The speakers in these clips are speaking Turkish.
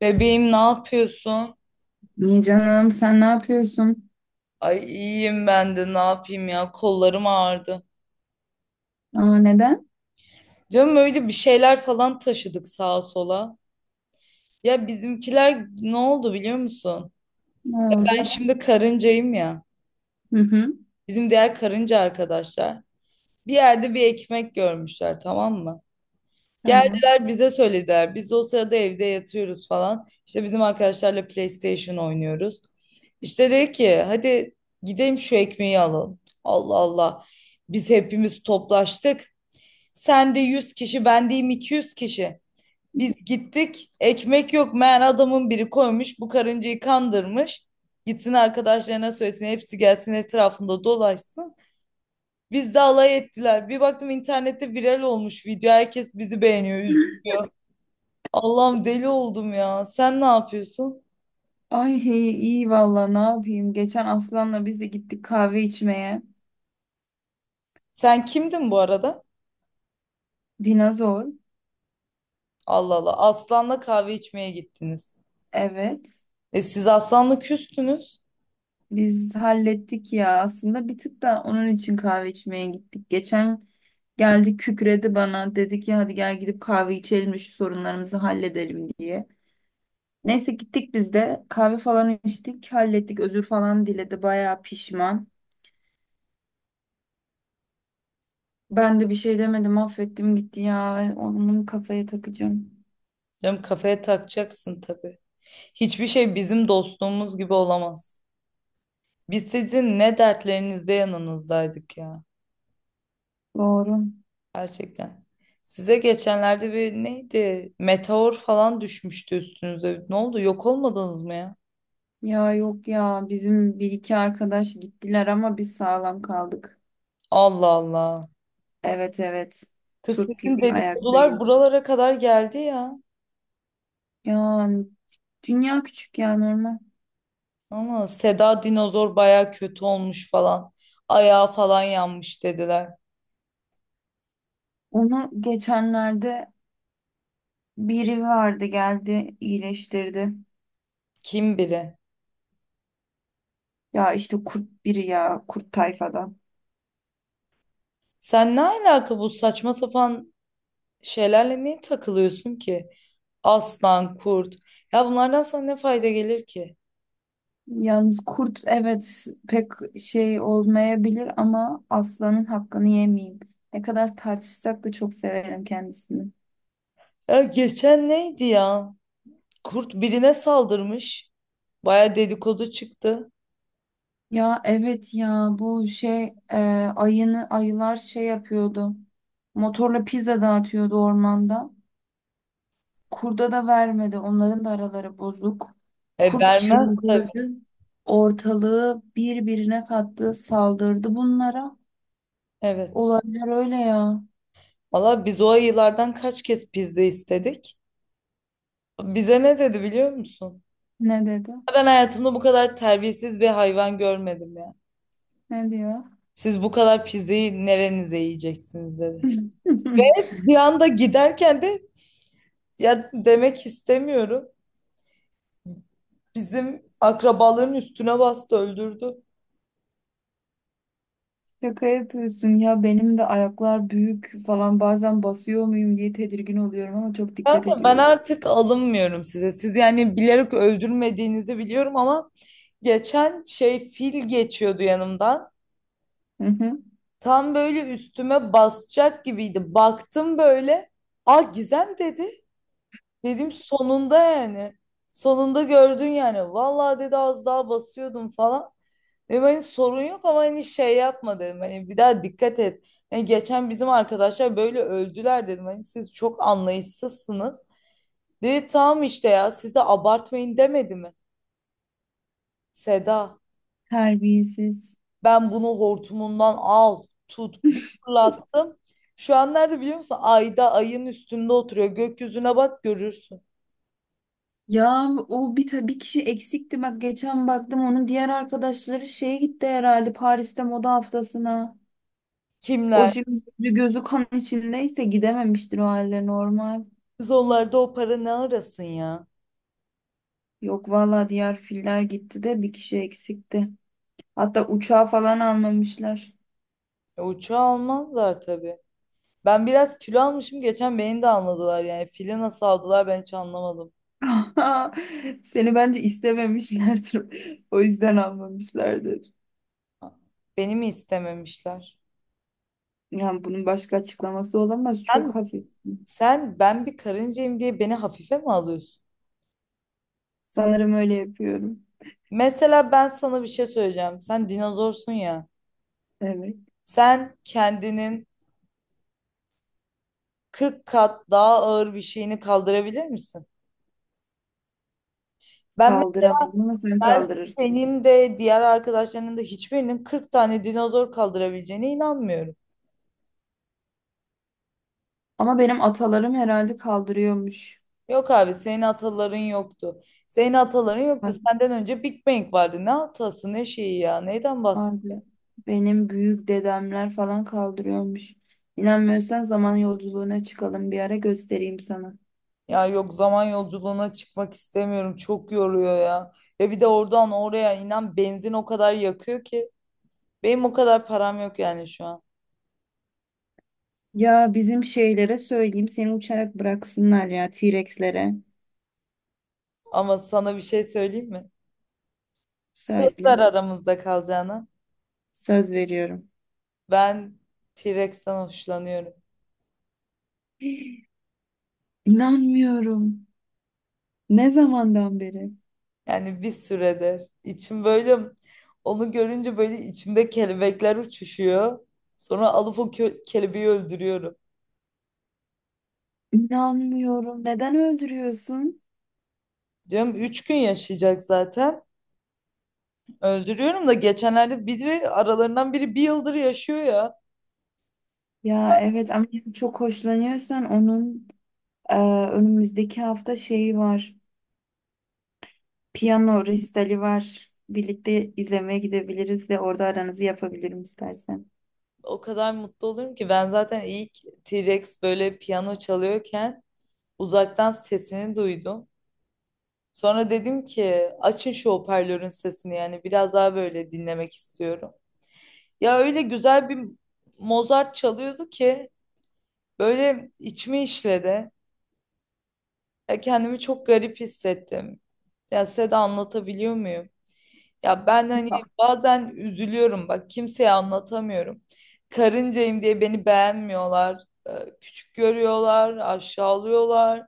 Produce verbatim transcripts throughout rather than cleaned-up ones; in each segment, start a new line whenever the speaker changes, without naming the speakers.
Bebeğim, ne yapıyorsun?
İyi canım, sen ne yapıyorsun?
Ay iyiyim, ben de ne yapayım ya, kollarım ağrıdı.
Aa, neden?
Canım öyle bir şeyler falan taşıdık sağa sola. Ya bizimkiler ne oldu biliyor musun?
Ne
Ben
oldu?
şimdi karıncayım ya.
Hı hı.
Bizim diğer karınca arkadaşlar bir yerde bir ekmek görmüşler, tamam mı?
Tamam.
Geldiler bize söylediler. Biz o sırada evde yatıyoruz falan. İşte bizim arkadaşlarla PlayStation oynuyoruz. İşte dedi ki hadi gidelim şu ekmeği alalım. Allah Allah. Biz hepimiz toplaştık. Sen de yüz kişi, ben deyim iki yüz kişi. Biz gittik. Ekmek yok. Meğer adamın biri koymuş. Bu karıncayı kandırmış. Gitsin arkadaşlarına söylesin. Hepsi gelsin etrafında dolaşsın. Biz de alay ettiler. Bir baktım internette viral olmuş video. Herkes bizi beğeniyor, üzülüyor. Allah'ım deli oldum ya. Sen ne yapıyorsun?
Ay hey, iyi valla ne yapayım? Geçen Aslan'la biz de gittik kahve içmeye.
Sen kimdin bu arada?
Dinozor.
Allah Allah. Aslan'la kahve içmeye gittiniz.
Evet.
E siz Aslan'la küstünüz.
Biz hallettik ya. Aslında bir tık da onun için kahve içmeye gittik. Geçen geldi kükredi bana. Dedi ki hadi gel gidip kahve içelim de şu sorunlarımızı halledelim diye. Neyse gittik biz de kahve falan içtik, hallettik, özür falan diledi, bayağı pişman. Ben de bir şey demedim, affettim gitti ya. Onun kafaya takacağım.
Canım kafaya takacaksın tabii. Hiçbir şey bizim dostluğumuz gibi olamaz. Biz sizin ne dertlerinizde yanınızdaydık ya.
Doğru.
Gerçekten. Size geçenlerde bir neydi? Meteor falan düşmüştü üstünüze. Ne oldu? Yok olmadınız mı ya?
Ya yok ya, bizim bir iki arkadaş gittiler ama biz sağlam kaldık.
Allah Allah.
Evet evet.
Kız
Turp
sizin
gibi
dedikodular
ayaktayız.
buralara kadar geldi ya.
Ya dünya küçük ya, normal.
Ama Seda dinozor baya kötü olmuş falan. Ayağı falan yanmış dediler.
Onu geçenlerde biri vardı, geldi iyileştirdi.
Kim biri?
Ya işte kurt biri, ya kurt tayfadan.
Sen ne alaka bu saçma sapan şeylerle niye takılıyorsun ki? Aslan, kurt. Ya bunlardan sana ne fayda gelir ki?
Yalnız kurt evet pek şey olmayabilir ama aslanın hakkını yemeyeyim. Ne kadar tartışsak da çok severim kendisini.
Ya geçen neydi ya? Kurt birine saldırmış. Baya dedikodu çıktı.
Ya evet ya, bu şey e, ayını ayılar şey yapıyordu. Motorla pizza dağıtıyordu ormanda. Kurda da vermedi. Onların da araları bozuk.
E
Kurt
vermez.
çıldırdı. Ortalığı birbirine kattı, saldırdı bunlara.
Evet.
Olaylar öyle ya.
Valla biz o ayılardan kaç kez pizza istedik? Bize ne dedi biliyor musun?
Ne dedi?
Ben hayatımda bu kadar terbiyesiz bir hayvan görmedim ya.
Ne diyor?
Siz bu kadar pizzayı nerenize yiyeceksiniz dedi. Bir anda giderken de ya demek istemiyorum. Bizim akrabaların üstüne bastı öldürdü.
Şaka yapıyorsun ya, benim de ayaklar büyük falan, bazen basıyor muyum diye tedirgin oluyorum ama çok dikkat
Kanka ben
ediyorum.
artık alınmıyorum size. Siz yani bilerek öldürmediğinizi biliyorum ama geçen şey fil geçiyordu yanımdan.
Hı hı.
Tam böyle üstüme basacak gibiydi. Baktım böyle. Ah Gizem dedi. Dedim sonunda yani. Sonunda gördün yani. Vallahi dedi az daha basıyordum falan. Dedim hani sorun yok ama hani şey yapma dedim. Hani bir daha dikkat et. Hani geçen bizim arkadaşlar böyle öldüler dedim. Hani siz çok anlayışsızsınız. Dedi tamam işte, ya siz de abartmayın demedi mi? Seda
Terbiyesiz.
ben bunu hortumundan al tut bir fırlattım. Şu an nerede biliyor musun? Ayda, ayın üstünde oturuyor. Gökyüzüne bak görürsün.
Ya o bir ta- bir kişi eksikti, bak geçen baktım onun diğer arkadaşları şeye gitti herhalde, Paris'te moda haftasına. O
Kimler?
şimdi yüzü gözü kan içindeyse gidememiştir, o halde normal.
Kız onlarda o para ne arasın ya?
Yok valla, diğer filler gitti de bir kişi eksikti. Hatta uçağı falan almamışlar.
E, uçağı almazlar tabii. Ben biraz kilo almışım. Geçen beni de almadılar yani. Fili nasıl aldılar ben hiç anlamadım.
Aha, seni bence istememişlerdir. O yüzden almamışlardır.
Beni mi istememişler?
Yani bunun başka açıklaması olamaz. Çok
Sen,
hafif.
sen ben bir karıncayım diye beni hafife mi alıyorsun?
Sanırım öyle yapıyorum.
Mesela ben sana bir şey söyleyeceğim. Sen dinozorsun ya.
Evet.
Sen kendinin kırk kat daha ağır bir şeyini kaldırabilir misin? Ben mesela
Kaldıramıyorum ama sen
ben
kaldırırsın.
senin de diğer arkadaşlarının da hiçbirinin kırk tane dinozor kaldırabileceğine inanmıyorum.
Ama benim atalarım herhalde kaldırıyormuş.
Yok abi senin ataların yoktu. Senin ataların yoktu.
Hani
Senden önce Big Bang vardı. Ne atası ne şeyi ya. Neyden
Var-
bahs?
vardı. Benim büyük dedemler falan kaldırıyormuş. İnanmıyorsan zaman yolculuğuna çıkalım bir ara, göstereyim sana.
Ya yok, zaman yolculuğuna çıkmak istemiyorum. Çok yoruyor ya. Ya bir de oradan oraya inan benzin o kadar yakıyor ki. Benim o kadar param yok yani şu an.
Ya bizim şeylere söyleyeyim, seni uçarak bıraksınlar ya, T-Rex'lere.
Ama sana bir şey söyleyeyim mi? Sözler
Söyle.
aramızda kalacağına.
Söz veriyorum.
Ben T-Rex'ten hoşlanıyorum.
İnanmıyorum. Ne zamandan beri?
Yani bir süredir. İçim böyle onu görünce böyle içimde kelebekler uçuşuyor. Sonra alıp o kö- kelebeği öldürüyorum.
İnanmıyorum. Neden öldürüyorsun?
Canım üç gün yaşayacak zaten. Öldürüyorum da geçenlerde biri aralarından biri bir yıldır yaşıyor ya.
Ya evet ama çok hoşlanıyorsan onun, e, önümüzdeki hafta şeyi var. Piyano resitali var. Birlikte izlemeye gidebiliriz ve orada aranızı yapabilirim istersen.
O kadar mutlu oluyorum ki ben zaten ilk T-Rex böyle piyano çalıyorken uzaktan sesini duydum. Sonra dedim ki açın şu hoparlörün sesini yani biraz daha böyle dinlemek istiyorum. Ya öyle güzel bir Mozart çalıyordu ki böyle içimi işledi. Ya kendimi çok garip hissettim. Ya size de anlatabiliyor muyum? Ya ben hani
Ya,
bazen üzülüyorum bak, kimseye anlatamıyorum. Karıncayım diye beni beğenmiyorlar. Ee, Küçük görüyorlar, aşağılıyorlar.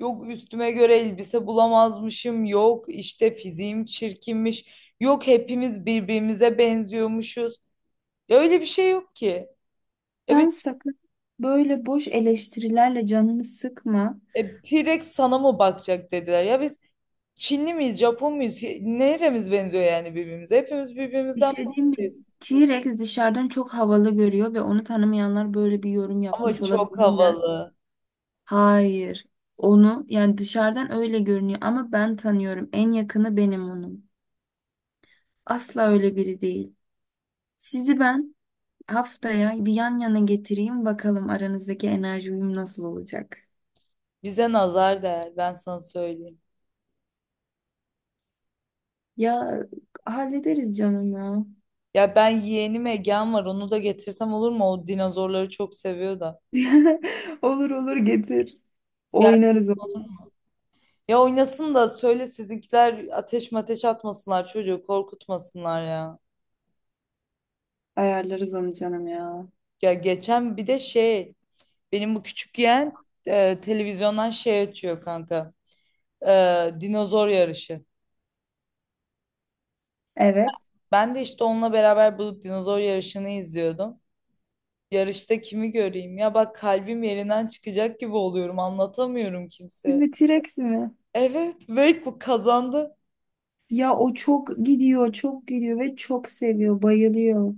Yok üstüme göre elbise bulamazmışım. Yok işte fiziğim çirkinmiş. Yok hepimiz birbirimize benziyormuşuz. Ya öyle bir şey yok ki. Ya biz
sen sakın böyle boş eleştirilerle canını sıkma.
E, T-Rex sana mı bakacak dediler. Ya biz Çinli miyiz, Japon muyuz? Neremiz benziyor yani birbirimize? Hepimiz
Bir
birbirimizden
şey diyeyim mi?
farklıyız.
T-Rex dışarıdan çok havalı görüyor ve onu tanımayanlar böyle bir yorum
Ama
yapmış
çok
olabilirler.
havalı.
Hayır. Onu yani dışarıdan öyle görünüyor ama ben tanıyorum. En yakını benim onun. Asla öyle biri değil. Sizi ben haftaya bir yan yana getireyim, bakalım aranızdaki enerji uyum nasıl olacak.
Bize nazar değer, ben sana söyleyeyim.
Ya hallederiz canım ya.
Ya ben yeğenim Egehan var, onu da getirsem olur mu? O dinozorları çok seviyor da.
Olur olur, getir.
Gel
Oynarız
olur
onu.
mu? Ya oynasın da söyle sizinkiler ateş mateş atmasınlar, çocuğu korkutmasınlar ya.
Ayarlarız onu canım ya.
Ya geçen bir de şey, benim bu küçük yeğen e, televizyondan şey açıyor kanka. Ee, dinozor yarışı.
Evet.
Ben de işte onunla beraber bulup dinozor yarışını izliyordum. Yarışta kimi göreyim? Ya bak kalbim yerinden çıkacak gibi oluyorum. Anlatamıyorum kimseye.
Şimdi T-Rex mi?
Evet ve bu kazandı.
Ya o çok gidiyor, çok gidiyor ve çok seviyor, bayılıyor.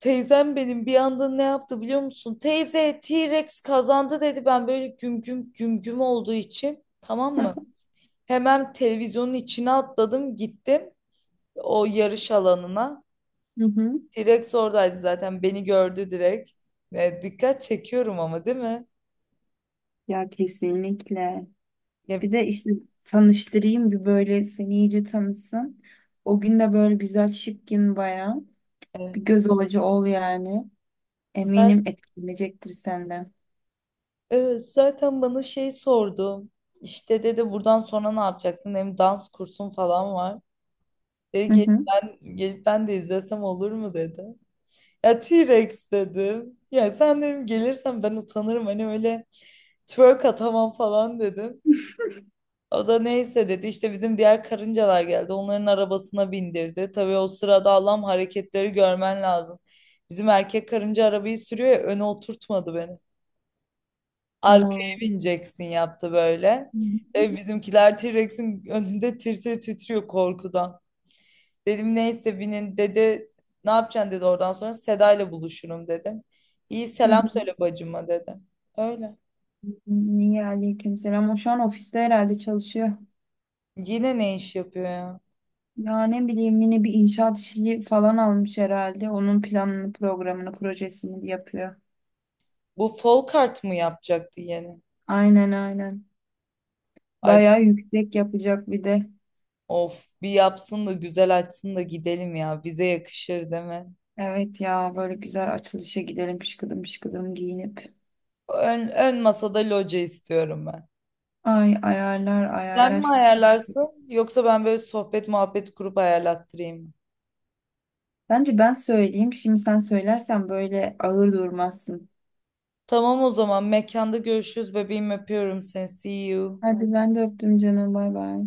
Teyzem benim bir anda ne yaptı biliyor musun? Teyze T-Rex kazandı dedi. Ben böyle güm güm güm güm olduğu için, tamam mı? Hemen televizyonun içine atladım gittim o yarış alanına.
Hı hı.
T-Rex oradaydı zaten beni gördü direkt. E, dikkat çekiyorum ama değil mi?
Ya kesinlikle.
Ya,
Bir de işte tanıştırayım bir, böyle seni iyice tanısın. O gün de böyle güzel şık gün bayağı.
evet.
Bir göz alıcı ol yani.
Zaten,
Eminim etkilenecektir senden.
evet, zaten bana şey sordu. İşte dedi buradan sonra ne yapacaksın? Hem dans kursun falan var. Dedi
Hı
gelip
hı.
ben, gelip ben de izlesem olur mu dedi. Ya T-Rex dedim. Ya sen dedim gelirsen ben utanırım. Hani öyle twerk atamam falan dedim. O da neyse dedi. İşte bizim diğer karıncalar geldi. Onların arabasına bindirdi. Tabii o sırada Allah'ım hareketleri görmen lazım. Bizim erkek karınca arabayı sürüyor ya, öne oturtmadı beni. Arkaya
Aa,
bineceksin yaptı böyle.
hı
Ve
hı.
bizimkiler T-Rex'in önünde tir tir titriyor korkudan. Dedim neyse binin dedi. Ne yapacaksın dedi, oradan sonra Seda ile buluşurum dedim. İyi
Hı hı.
selam söyle bacıma dedi. Öyle.
Niye, aleykümselam. O şu an ofiste herhalde çalışıyor.
Yine ne iş yapıyor ya?
Ya ne bileyim, yine bir inşaat işi falan almış herhalde. Onun planını, programını, projesini yapıyor.
Bu Folkart mı yapacaktı yeni?
Aynen aynen.
Ay
Bayağı yüksek yapacak bir de.
of, bir yapsın da güzel açsın da gidelim ya. Bize yakışır değil mi?
Evet ya, böyle güzel açılışa gidelim şıkıdım şıkıdım giyinip.
Ön, ön masada loca istiyorum ben.
Ay ayarlar
Sen
ayarlar
mi
hiç.
ayarlarsın yoksa ben böyle sohbet muhabbet kurup ayarlattırayım mı?
Bence ben söyleyeyim. Şimdi sen söylersen böyle ağır durmazsın.
Tamam o zaman mekanda görüşürüz bebeğim, öpüyorum seni. See you.
Hadi ben de öptüm canım, bay bay.